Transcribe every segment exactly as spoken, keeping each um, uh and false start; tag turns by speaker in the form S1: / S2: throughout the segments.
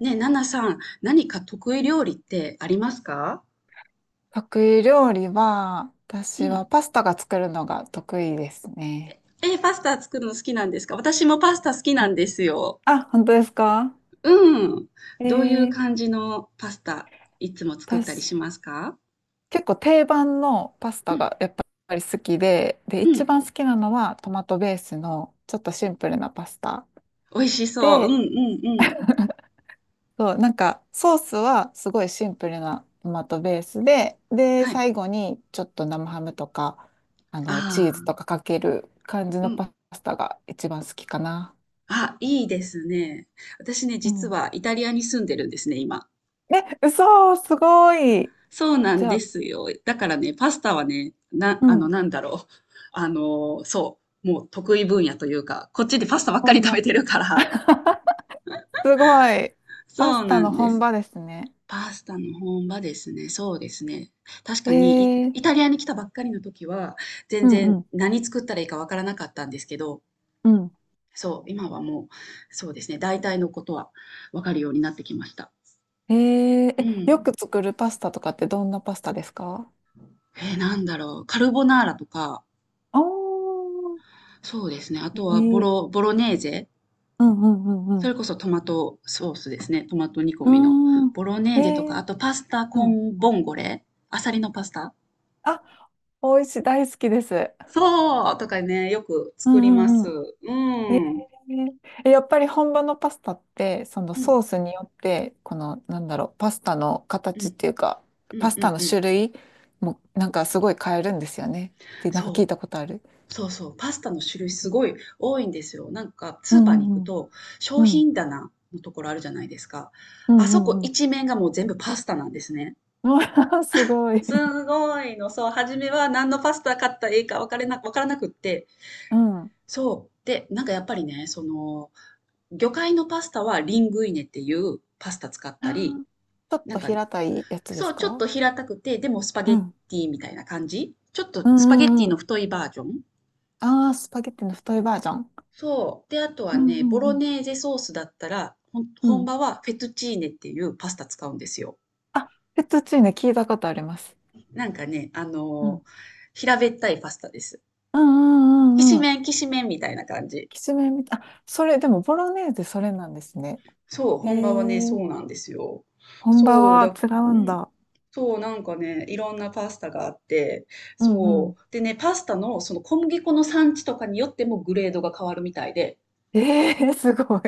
S1: ねえ、ナナさん、何か得意料理ってありますか？
S2: 得意料理は、
S1: う
S2: 私は
S1: ん。
S2: パスタが作るのが得意ですね。
S1: えー、パスタ作るの好きなんですか？私もパスタ好きなんですよ。
S2: あ、本当ですか？
S1: うん。
S2: え
S1: どういう
S2: ー、
S1: 感じのパスタいつも作ったりし
S2: 私、
S1: ますか？
S2: 結構定番のパス
S1: う
S2: タ
S1: ん、
S2: がやっぱり好きで、で、
S1: う
S2: 一
S1: ん。
S2: 番好きなのはトマトベースのちょっとシンプルなパスタ。
S1: 美味しそう。うん、
S2: で、
S1: うん、うん。
S2: そう、なんかソースはすごいシンプルなトマトベースで、で、
S1: はい。
S2: 最後にちょっと生ハムとか、あの、
S1: あ
S2: チーズとかかける感じ
S1: あ、う
S2: の
S1: ん。
S2: パスタが一番好きかな。
S1: あ、いいですね。私ね、実はイタリアに住んでるんですね、今。
S2: え、嘘、すごい。
S1: そうな
S2: じ
S1: ん
S2: ゃ
S1: で
S2: あ、
S1: すよ。だからね、パスタはね、な、
S2: う
S1: あの、
S2: ん。
S1: なんだろう。あの、そう、もう得意分野というか、こっちでパスタばっかり
S2: 本
S1: 食べ
S2: 場。
S1: てるから。
S2: すごい。パ
S1: そ
S2: ス
S1: う
S2: タ
S1: な
S2: の
S1: んで
S2: 本
S1: す。
S2: 場ですね。
S1: パスタの本場ですね。そうですね。確かにイ、
S2: えー、
S1: イタリアに来たばっかりの時は、全
S2: うん
S1: 然
S2: うん。
S1: 何作ったらいいかわからなかったんですけど、
S2: うん。
S1: そう、今はもう、そうですね、大体のことはわかるようになってきました。
S2: えー、
S1: う
S2: え、よ
S1: ん。
S2: く作るパスタとかってどんなパスタですか？
S1: えー、なんだろう。カルボナーラとか、
S2: おー。
S1: そうですね。あ
S2: え
S1: とはボ
S2: ー、
S1: ロ、ボロネーゼ
S2: うんうんう
S1: それ
S2: ん
S1: こそトマトソースですね。トマト煮込
S2: う
S1: みの。
S2: ん。うーん。
S1: ボロネ
S2: え
S1: ーゼとか、あ
S2: ー、
S1: とパスタ
S2: う
S1: コ
S2: ん。
S1: ンボンゴレ、アサリのパスタ、
S2: あ、美味しい、大好きです。
S1: そうとかね、よく
S2: う
S1: 作りま
S2: んう
S1: す。
S2: んうん。
S1: う
S2: え
S1: ん。
S2: え、やっぱり本場のパスタって、その
S1: うん。
S2: ソースによって、この、なんだろう、パスタの
S1: う
S2: 形っ
S1: ん。
S2: ていうか、
S1: う
S2: パ
S1: ん
S2: ス
S1: う
S2: タ
S1: ん
S2: の
S1: う
S2: 種
S1: ん。
S2: 類も、なんかすごい変えるんですよね。ってなんか聞
S1: そ
S2: いたことある。
S1: う。そうそう。パスタの種類すごい多いんですよ。なんか
S2: う
S1: スーパーに行
S2: ん
S1: く
S2: うん
S1: と、
S2: う
S1: 商
S2: ん。
S1: 品棚のところあるじゃないですか。
S2: う
S1: あ
S2: んう
S1: そ
S2: んう
S1: こ
S2: んうん。
S1: 一面がもう全部パスタなんですね。
S2: うわ すごい。
S1: すごいの。そう、初めは何のパスタ買ったらいいか分からな、分からなくって、
S2: うん。
S1: そう。で、なんかやっぱりね、その、魚介のパスタはリングイネっていうパスタ使っ
S2: あ
S1: たり、
S2: ー、ちょっ
S1: な
S2: と
S1: んか、
S2: 平たいやつで
S1: そ
S2: す
S1: う、ちょっ
S2: か？
S1: と平たくて、でもスパゲ
S2: う
S1: ッ
S2: ん。
S1: ティみたいな感じ。ちょっと
S2: うん
S1: スパゲッ
S2: うん
S1: ティ
S2: うん。
S1: の太いバージョン。
S2: ああ、スパゲッティの太いバージョン。
S1: そう。で、あと
S2: う
S1: はね、ボ
S2: ん
S1: ロ
S2: うん
S1: ネーゼソースだったら、ほん
S2: うん。う
S1: 本
S2: ん。
S1: 場はフェトチーネっていうパスタ使うんですよ。
S2: あ、フェットチーネ聞いたことあります。
S1: なんかね、あ
S2: う
S1: の
S2: ん。
S1: ー平べったいパスタです。
S2: うん
S1: き
S2: うんう
S1: し
S2: んうん。
S1: めん、きしめんみたいな感じ。
S2: きつめみたい。あ、それ、でも、ボロネーゼ、それなんですね。
S1: そう、
S2: え
S1: 本場はね、そ
S2: ー、
S1: うなんですよ。
S2: 本場
S1: そう、
S2: は
S1: だ、
S2: 違
S1: う
S2: うん
S1: ん。
S2: だ。
S1: そう、なんかね、いろんなパスタがあって、
S2: うんう
S1: そ
S2: ん。
S1: う。でね、パスタのその小麦粉の産地とかによってもグレードが変わるみたいで、
S2: えー、すごい。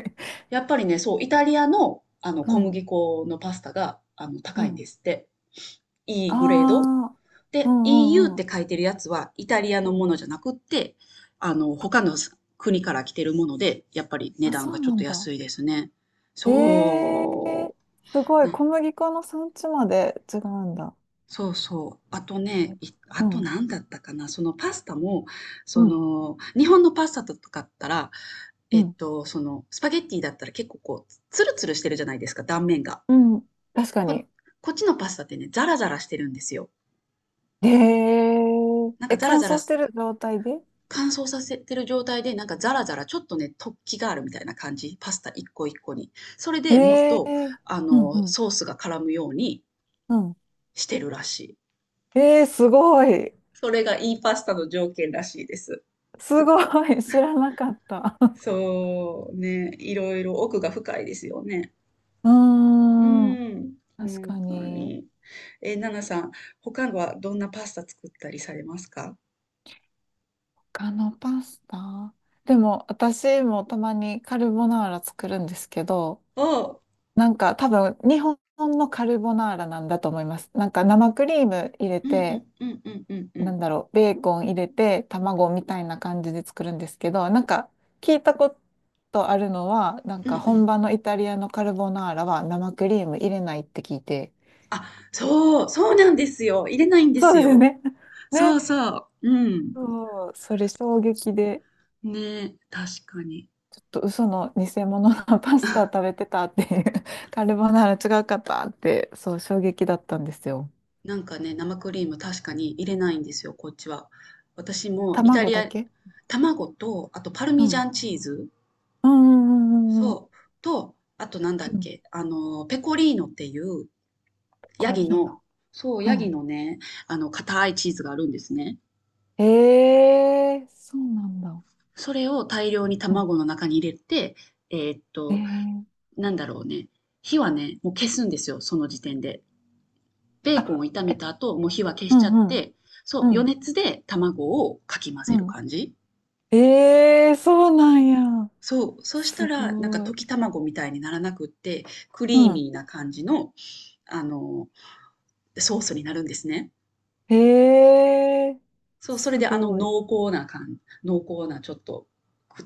S1: やっぱりね、そう、イタリアのあの
S2: う
S1: 小
S2: ん、
S1: 麦粉のパスタがあの
S2: う
S1: 高いん
S2: ん。
S1: ですって。いい
S2: あ
S1: グレード。
S2: あ、う
S1: で、
S2: ん
S1: イーユー っ
S2: うんう
S1: て
S2: ん。
S1: 書いてるやつはイタリア
S2: う
S1: のも
S2: ん。
S1: のじゃなくって、あの、他の国から来てるもので、やっぱり値
S2: あ、
S1: 段
S2: そ
S1: が
S2: う
S1: ちょ
S2: な
S1: っ
S2: ん
S1: と
S2: だ。
S1: 安いですね。
S2: ええー、
S1: そ
S2: すご
S1: う。
S2: い。
S1: な
S2: 小麦粉の産地まで違うんだ。
S1: そうそう。あとね、いあ
S2: う
S1: と
S2: ん、
S1: 何だったかな、そのパスタも、
S2: う
S1: そ
S2: ん、
S1: の、日本のパスタとかだったら、
S2: う
S1: えっ
S2: ん、
S1: と、その、スパゲッティだったら結構こう、ツルツルしてるじゃないですか、断面が。
S2: うん。確か
S1: こ、
S2: に。
S1: こっちのパスタってね、ザラザラしてるんですよ。
S2: えー、
S1: なんか
S2: え、
S1: ザラ
S2: 乾
S1: ザラ
S2: 燥してる状態で？
S1: 乾燥させてる状態で、なんかザラザラ、ちょっとね、突起があるみたいな感じ。パスタ一個一個に。それ
S2: え
S1: でもっ
S2: え
S1: と、
S2: ー、
S1: あ
S2: うん、う
S1: の、
S2: ん、
S1: ソースが絡むように
S2: うん。
S1: してるらしい。
S2: ええー、すごい。
S1: それがいいパスタの条件らしいです。
S2: すごい、知らなかった。
S1: そうね、いろいろ奥が深いですよね。
S2: う
S1: う
S2: ーん、
S1: ん、
S2: 確
S1: 本
S2: か
S1: 当
S2: に。
S1: に。え、ナナさん、他はどんなパスタ作ったりされますか？
S2: 他のパスタ、でも、私もたまにカルボナーラ作るんですけど、
S1: おお、
S2: なんか多分、日本のカルボナーラなんだと思います。なんか生クリーム入れ
S1: うんうん
S2: て、
S1: うんうんうんう
S2: な
S1: ん。
S2: んだろう、ベーコン入れて、卵みたいな感じで作るんですけど、なんか聞いたことあるのは、なん
S1: うんう
S2: か本
S1: ん。
S2: 場のイタリアのカルボナーラは生クリーム入れないって聞いて。
S1: あ、そう、そうなんですよ。入れないんで
S2: そう
S1: す
S2: ですよ
S1: よ。
S2: ね。ね。
S1: そうそう。うん。
S2: そう、それ衝撃で、
S1: ね、確かに。
S2: ちょっと嘘の偽物のパスタ食べ てたっていう、カルボナーラ違うかったって、そう、衝撃だったんですよ。
S1: なんかね、生クリーム確かに入れないんですよ、こっちは。私もイタ
S2: 卵
S1: リ
S2: だ
S1: ア、
S2: け。
S1: 卵と、あとパル
S2: う
S1: ミジャ
S2: ん。
S1: ンチーズ。
S2: うんうんうんうんうん。
S1: そう。と、あとなんだっ
S2: うん。
S1: け、あの、ペコリーノっていう
S2: ペ
S1: ヤ
S2: コリ
S1: ギ
S2: ーノ。
S1: の、そう、
S2: う
S1: ヤギ
S2: ん。
S1: のね、あの、硬いチーズがあるんですね。
S2: えー、そうなんだ。
S1: それを大量に
S2: うん。
S1: 卵の中に入れて、えーっ
S2: え
S1: と、
S2: ー
S1: なんだろうね、火はね、もう消すんですよ、その時点で。ベーコンを
S2: あ、
S1: 炒め
S2: え、
S1: た後、もう火は消
S2: う
S1: しちゃっ
S2: んうん。
S1: て、そう、
S2: う
S1: 余
S2: ん。
S1: 熱で卵をかき混
S2: う
S1: ぜる
S2: ん。
S1: 感じ。
S2: ええー、そうなんや。
S1: そう、そした
S2: す
S1: ら、なんか
S2: ご
S1: 溶
S2: い。
S1: き卵みたいにならなくって、ク
S2: う
S1: リー
S2: ん。
S1: ミーな感じの、あの、ソースになるんですね。
S2: ええー、
S1: そう、それ
S2: す
S1: であの
S2: ごい。
S1: 濃厚な感濃厚なちょっと、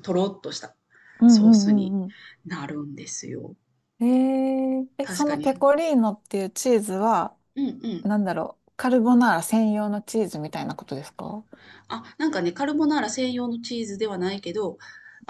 S1: とろっとした
S2: うんう
S1: ソー
S2: ん
S1: スに
S2: うんうん、えーそうなんや、すごい、うん、ええー、すごい、うんうんうんうん。
S1: なるんですよ。
S2: えー、え、
S1: 確
S2: そ
S1: か
S2: のペ
S1: に。
S2: コリーノっていうチーズは、
S1: うんうん。
S2: なんだろう、カルボナーラ専用のチーズみたいなことですか？
S1: あ、なんかね、カルボナーラ専用のチーズではないけど、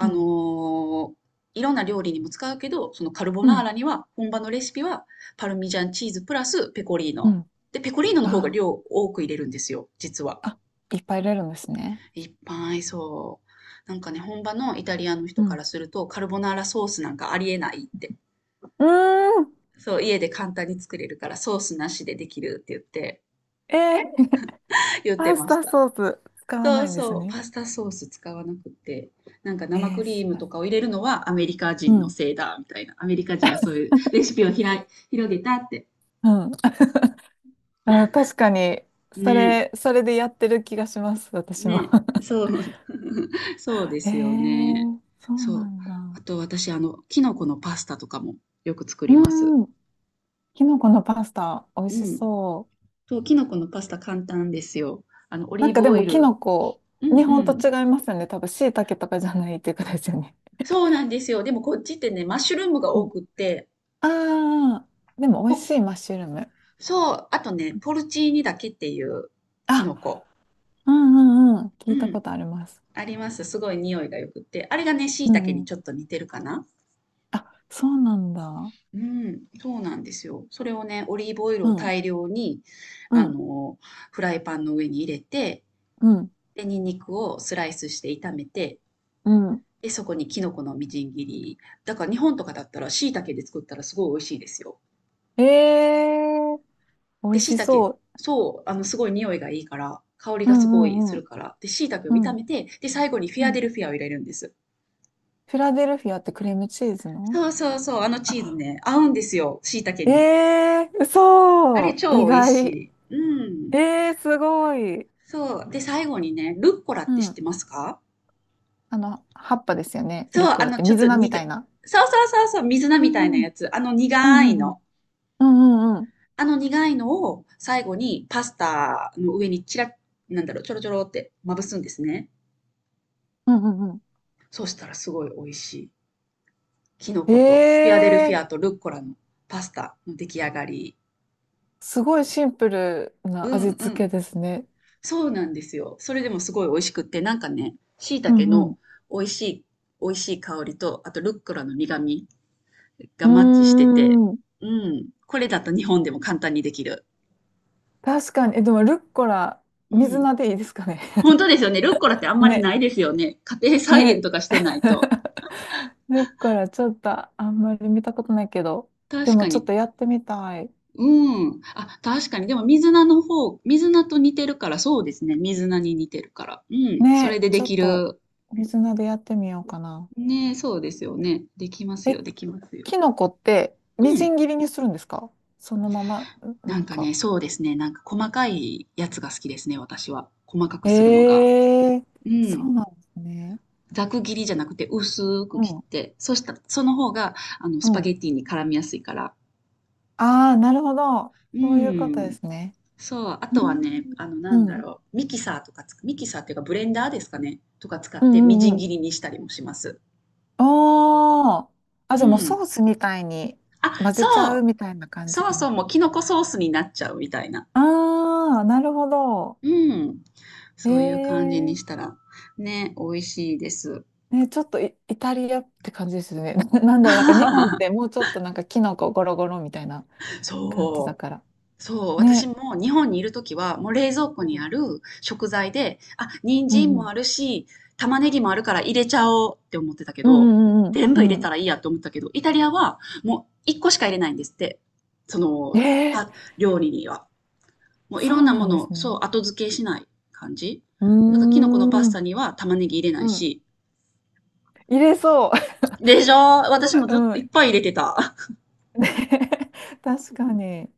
S2: う
S1: の
S2: ん、
S1: ーいろんな料理にも使うけど、そのカルボ
S2: う
S1: ナー
S2: ん、
S1: ラには、本場のレシピは、パルミジャンチーズプラスペコリー
S2: う
S1: ノ。
S2: ん。
S1: で、ペコリーノの方が
S2: あー、
S1: 量多く入れるんですよ、実は。
S2: あ、いっぱい入れるんですね。
S1: いっぱいそう。なんかね、本場のイタリアの人
S2: う
S1: か
S2: ん。
S1: らすると、カルボナーラソースなんかありえないって。
S2: うーん、
S1: そう、家で簡単に作れるからソースなしでできるって言って、
S2: えー、
S1: 言って
S2: パス
S1: まし
S2: タ
S1: た。
S2: ソース使わ
S1: そ
S2: な
S1: う
S2: いんで
S1: そ
S2: す
S1: う、
S2: ね。
S1: パスタソース使わなくて、なんか生
S2: え
S1: ク
S2: ー、
S1: リ
S2: す
S1: ーム
S2: ごい。
S1: とかを入れるのはアメリカ
S2: う
S1: 人の
S2: ん、
S1: せいだ、みたいな。アメリカ人がそういうレシピをひらい広げたって。
S2: うん。あー、確かに、そ
S1: ね、
S2: れ、それでやってる気がします、私も。
S1: ね、そう、そうで
S2: え
S1: すよね。
S2: ー、そうな
S1: そう。
S2: んだ。
S1: あと私、あの、キノコのパスタとかもよく作
S2: う
S1: ります。
S2: ーん、キノコのパスタ、美味
S1: う
S2: し
S1: ん。
S2: そう。
S1: そう、キノコのパスタ簡単ですよ。あの、オ
S2: な
S1: リ
S2: ん
S1: ー
S2: か
S1: ブ
S2: で
S1: オイ
S2: もキ
S1: ル。
S2: ノコ、
S1: うんう
S2: 日本と
S1: ん。
S2: 違いますよね。多分、椎茸とかじゃないっていうことですよね。
S1: そうなんですよ。でもこっちってね、マッシュルームが
S2: う
S1: 多
S2: ん。
S1: くって、
S2: ああ、でも美
S1: ほ、
S2: 味しいマッシュルーム。
S1: そう、あとね、ポルチーニだけっていうキ
S2: あ、
S1: ノコ。
S2: うんうんうん。
S1: う
S2: 聞いたこ
S1: ん、
S2: とあります。
S1: あります。すごい匂いがよくって。あれがね、椎
S2: う
S1: 茸
S2: んう
S1: にち
S2: ん。
S1: ょっと似てるかな。
S2: あ、そうなんだ。
S1: うん、そうなんですよ。それをね、オリーブオイル
S2: う
S1: を
S2: ん、
S1: 大量に、
S2: う
S1: あ
S2: ん、
S1: の、フライパンの上に入れて、
S2: うん、
S1: で、ニンニクをスライスして炒めて、
S2: うん。
S1: で、そこにキノコのみじん切り。だから日本とかだったら椎茸で作ったらすごい美味しいですよ。
S2: ええー、美
S1: で、
S2: 味
S1: 椎
S2: し
S1: 茸、
S2: そ
S1: そう、あの、すごい匂いがいいから、香り
S2: う。
S1: が
S2: う
S1: すごいす
S2: んうん
S1: るから。で、椎茸を
S2: うん、う
S1: 炒
S2: ん、
S1: めて、で、最後にフィ
S2: う
S1: アデ
S2: ん。
S1: ルフィアを入れるんです。
S2: フィラデルフィアってクリームチーズの。
S1: そうそうそう、あのチーズ
S2: あ、
S1: ね、合うんですよ、椎茸
S2: え
S1: に。
S2: えー、
S1: あ
S2: そ
S1: れ
S2: う意
S1: 超美味し
S2: 外。
S1: い。うん。
S2: ええー、すごい。
S1: そう。で、最後にね、ルッコラっ
S2: う
S1: て知って
S2: ん。
S1: ますか？
S2: あの、葉っぱですよね。
S1: そ
S2: ルッ
S1: う、
S2: コ
S1: あ
S2: ラっ
S1: の、
S2: て
S1: ちょっと
S2: 水菜みた
S1: 苦
S2: いな。
S1: そうそうそうそう、水菜
S2: う
S1: みたいな
S2: んう
S1: や
S2: ん
S1: つ。あの
S2: う
S1: 苦い
S2: んう
S1: の。
S2: んうんうんうん
S1: あの苦いのを最後にパスタの上にちらなんだろう、ちょろちょろってまぶすんですね。
S2: うんうん。
S1: そうしたらすごい美味しい。キノ
S2: え
S1: コとフィアデルフィ
S2: え
S1: アと
S2: ー、
S1: ルッコラのパスタの出来上がり。
S2: すごいシンプル
S1: う
S2: な味
S1: んう
S2: 付
S1: ん。
S2: けですね。
S1: そうなんですよ。それでもすごい美味しくって、なんかね、椎
S2: う
S1: 茸
S2: んうん。
S1: の美味しい、美味しい香りと、あとルッコラの苦味がマッ
S2: う
S1: チしてて、
S2: ーん。
S1: うん。これだと日本でも簡単にできる。
S2: 確かに。え、でもルッコラ、
S1: う
S2: 水
S1: ん。
S2: 菜でいいですかね。
S1: 本当ですよね。ルッコラっ てあんまり
S2: ね、
S1: ないですよね。家庭菜園
S2: ね。
S1: とかしてないと。
S2: ルッコラ、ちょっとあんまり見たことないけど。で
S1: 確
S2: も
S1: か
S2: ちょっ
S1: に。
S2: とやってみたい。
S1: うん。あ、確かに。でも、水菜の方、水菜と似てるから、そうですね。水菜に似てるから。うん。それ
S2: ね、
S1: でで
S2: ちょっ
S1: き
S2: と
S1: る。
S2: 水菜でやってみようかな。
S1: ねえ、そうですよね。できますよ、
S2: え、
S1: できますよ。
S2: キノコって
S1: う
S2: みじ
S1: ん。
S2: ん切りにするんですか？そのまま、ん、
S1: な
S2: なん
S1: んかね、
S2: か。
S1: そうですね。なんか細かいやつが好きですね、私は。細かくするのが。
S2: ええ、
S1: う
S2: そ
S1: ん。
S2: うなんですね。
S1: ざく切りじゃなくて薄く
S2: う
S1: 切
S2: ん、
S1: って、そしたら、その方が、あの、
S2: う
S1: スパゲ
S2: ん。
S1: ッティに絡みやすいから。
S2: ああ、なるほど。
S1: う
S2: そういうことで
S1: ん。
S2: すね。
S1: そう。あ
S2: う
S1: とはね、
S2: ん、
S1: あの、な
S2: う
S1: んだ
S2: ん、
S1: ろう。ミキサーとかつ、ミキサーっていうかブレンダーですかね、とか使っ
S2: う
S1: てみじ
S2: ん、う
S1: ん
S2: ん。
S1: 切りにしたりもします。
S2: おー。あ、
S1: う
S2: じゃあもう
S1: ん。
S2: ソースみたいに
S1: あ、
S2: 混ぜちゃう
S1: そ
S2: みたいな
S1: う。
S2: 感じ
S1: そう
S2: か
S1: そう
S2: な。
S1: もうキノコソースになっちゃうみたいな。
S2: ああ、なるほど。
S1: うん。そういう感じに
S2: え
S1: し
S2: え、
S1: たら、ね、美味しいです。
S2: ね、ちょっとイ、イタリアって感じですね。な、なんだろう、なんか日本って もうちょっとなんかキノコゴロゴロみたいな感じだ
S1: そ
S2: から。
S1: う。そう。私
S2: ね。
S1: も日本にいるときは、もう冷蔵庫
S2: う
S1: にあ
S2: ん。
S1: る食材で、あ、人
S2: う
S1: 参
S2: んう
S1: も
S2: ん。
S1: あるし、玉ねぎもあるから入れちゃおうって思ってたけ
S2: う
S1: ど、
S2: んうん
S1: 全
S2: う
S1: 部入れ
S2: ん
S1: た
S2: う
S1: らいいやって思ったけど、イタリアはもういっこしか入れないんですって。そ
S2: ん。
S1: の、
S2: え
S1: は、
S2: ー
S1: 料理には。もうい
S2: そ
S1: ろん
S2: う
S1: な
S2: な
S1: も
S2: んで
S1: の
S2: す
S1: を、そう、
S2: ね。
S1: 後付けしない感じ。
S2: うー
S1: だから、キノコのパス
S2: ん。
S1: タには玉ねぎ入れない
S2: うん。
S1: し、
S2: 入れそう。
S1: でしょ？
S2: すごい、
S1: 私も
S2: う
S1: ずっ
S2: ん。
S1: とい
S2: ね
S1: っぱい入れてた。
S2: 確かに。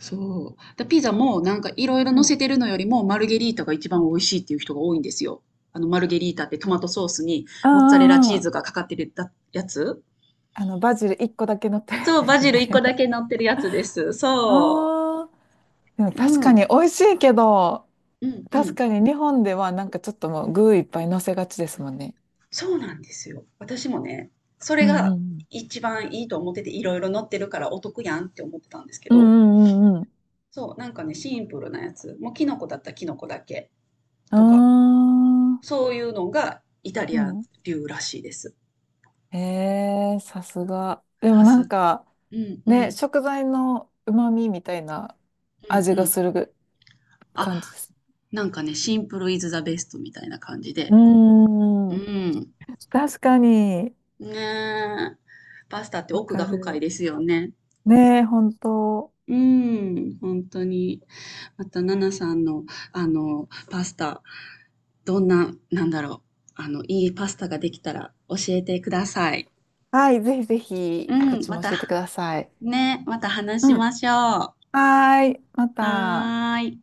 S1: そう。だピザもなんかいろいろ
S2: う
S1: 乗せ
S2: ん。
S1: てるのよりもマルゲリータが一
S2: う
S1: 番美
S2: ん。
S1: 味しいっていう人が多いんですよ。あのマルゲリータってトマトソースに
S2: あ
S1: モッツァレラチ
S2: あ、
S1: ー
S2: あ
S1: ズがかかってるだやつ。
S2: あ、あの、バジルいっこだけ乗ったやつ
S1: そう、
S2: で
S1: バ
S2: す
S1: ジル一個
S2: ね。
S1: だけ乗ってるやつです。そ
S2: ああ、でも
S1: う。う
S2: 確か
S1: ん。
S2: に美味しいけど、
S1: うんう
S2: 確
S1: ん。
S2: かに日本ではなんかちょっともう具いっぱい乗せがちですもんね。
S1: そうなんですよ。私もね、それ
S2: うん
S1: が
S2: うん
S1: 一番いいと思ってていろいろ乗ってるからお得やんって思ってたんですけ
S2: うん。う
S1: ど、
S2: んうんうんうん。
S1: そう、なんかね、シンプルなやつ。もうキノコだったらキノコだけ
S2: あ
S1: とか。
S2: あ、
S1: そういうのがイタ
S2: う
S1: リア
S2: ん。
S1: 流らしいです。
S2: へえ、さすが。でも
S1: さ
S2: なん
S1: す。
S2: か、
S1: うんう
S2: ね、
S1: ん。
S2: 食材の旨味みたいな
S1: うん
S2: 味
S1: う
S2: が
S1: ん。
S2: する感じ
S1: あ、
S2: です。
S1: なんかね、シンプルイズザベストみたいな感じ
S2: う
S1: で。
S2: ー
S1: う
S2: ん、
S1: ん。
S2: 確かに、
S1: ねえ。パスタって
S2: わ
S1: 奥が
S2: か
S1: 深い
S2: る。
S1: ですよね。
S2: ねえ、本当。
S1: うん、本当に。また、ナナさんの、あの、パスタ、どんな、なんだろう。あの、いいパスタができたら教えてください。
S2: はい、ぜひぜ
S1: う
S2: ひ、こっ
S1: ん、
S2: ち
S1: ま
S2: も
S1: た、
S2: 教えてください。
S1: ね、また話
S2: う
S1: し
S2: ん。
S1: ましょう。は
S2: はーい、また。
S1: ーい。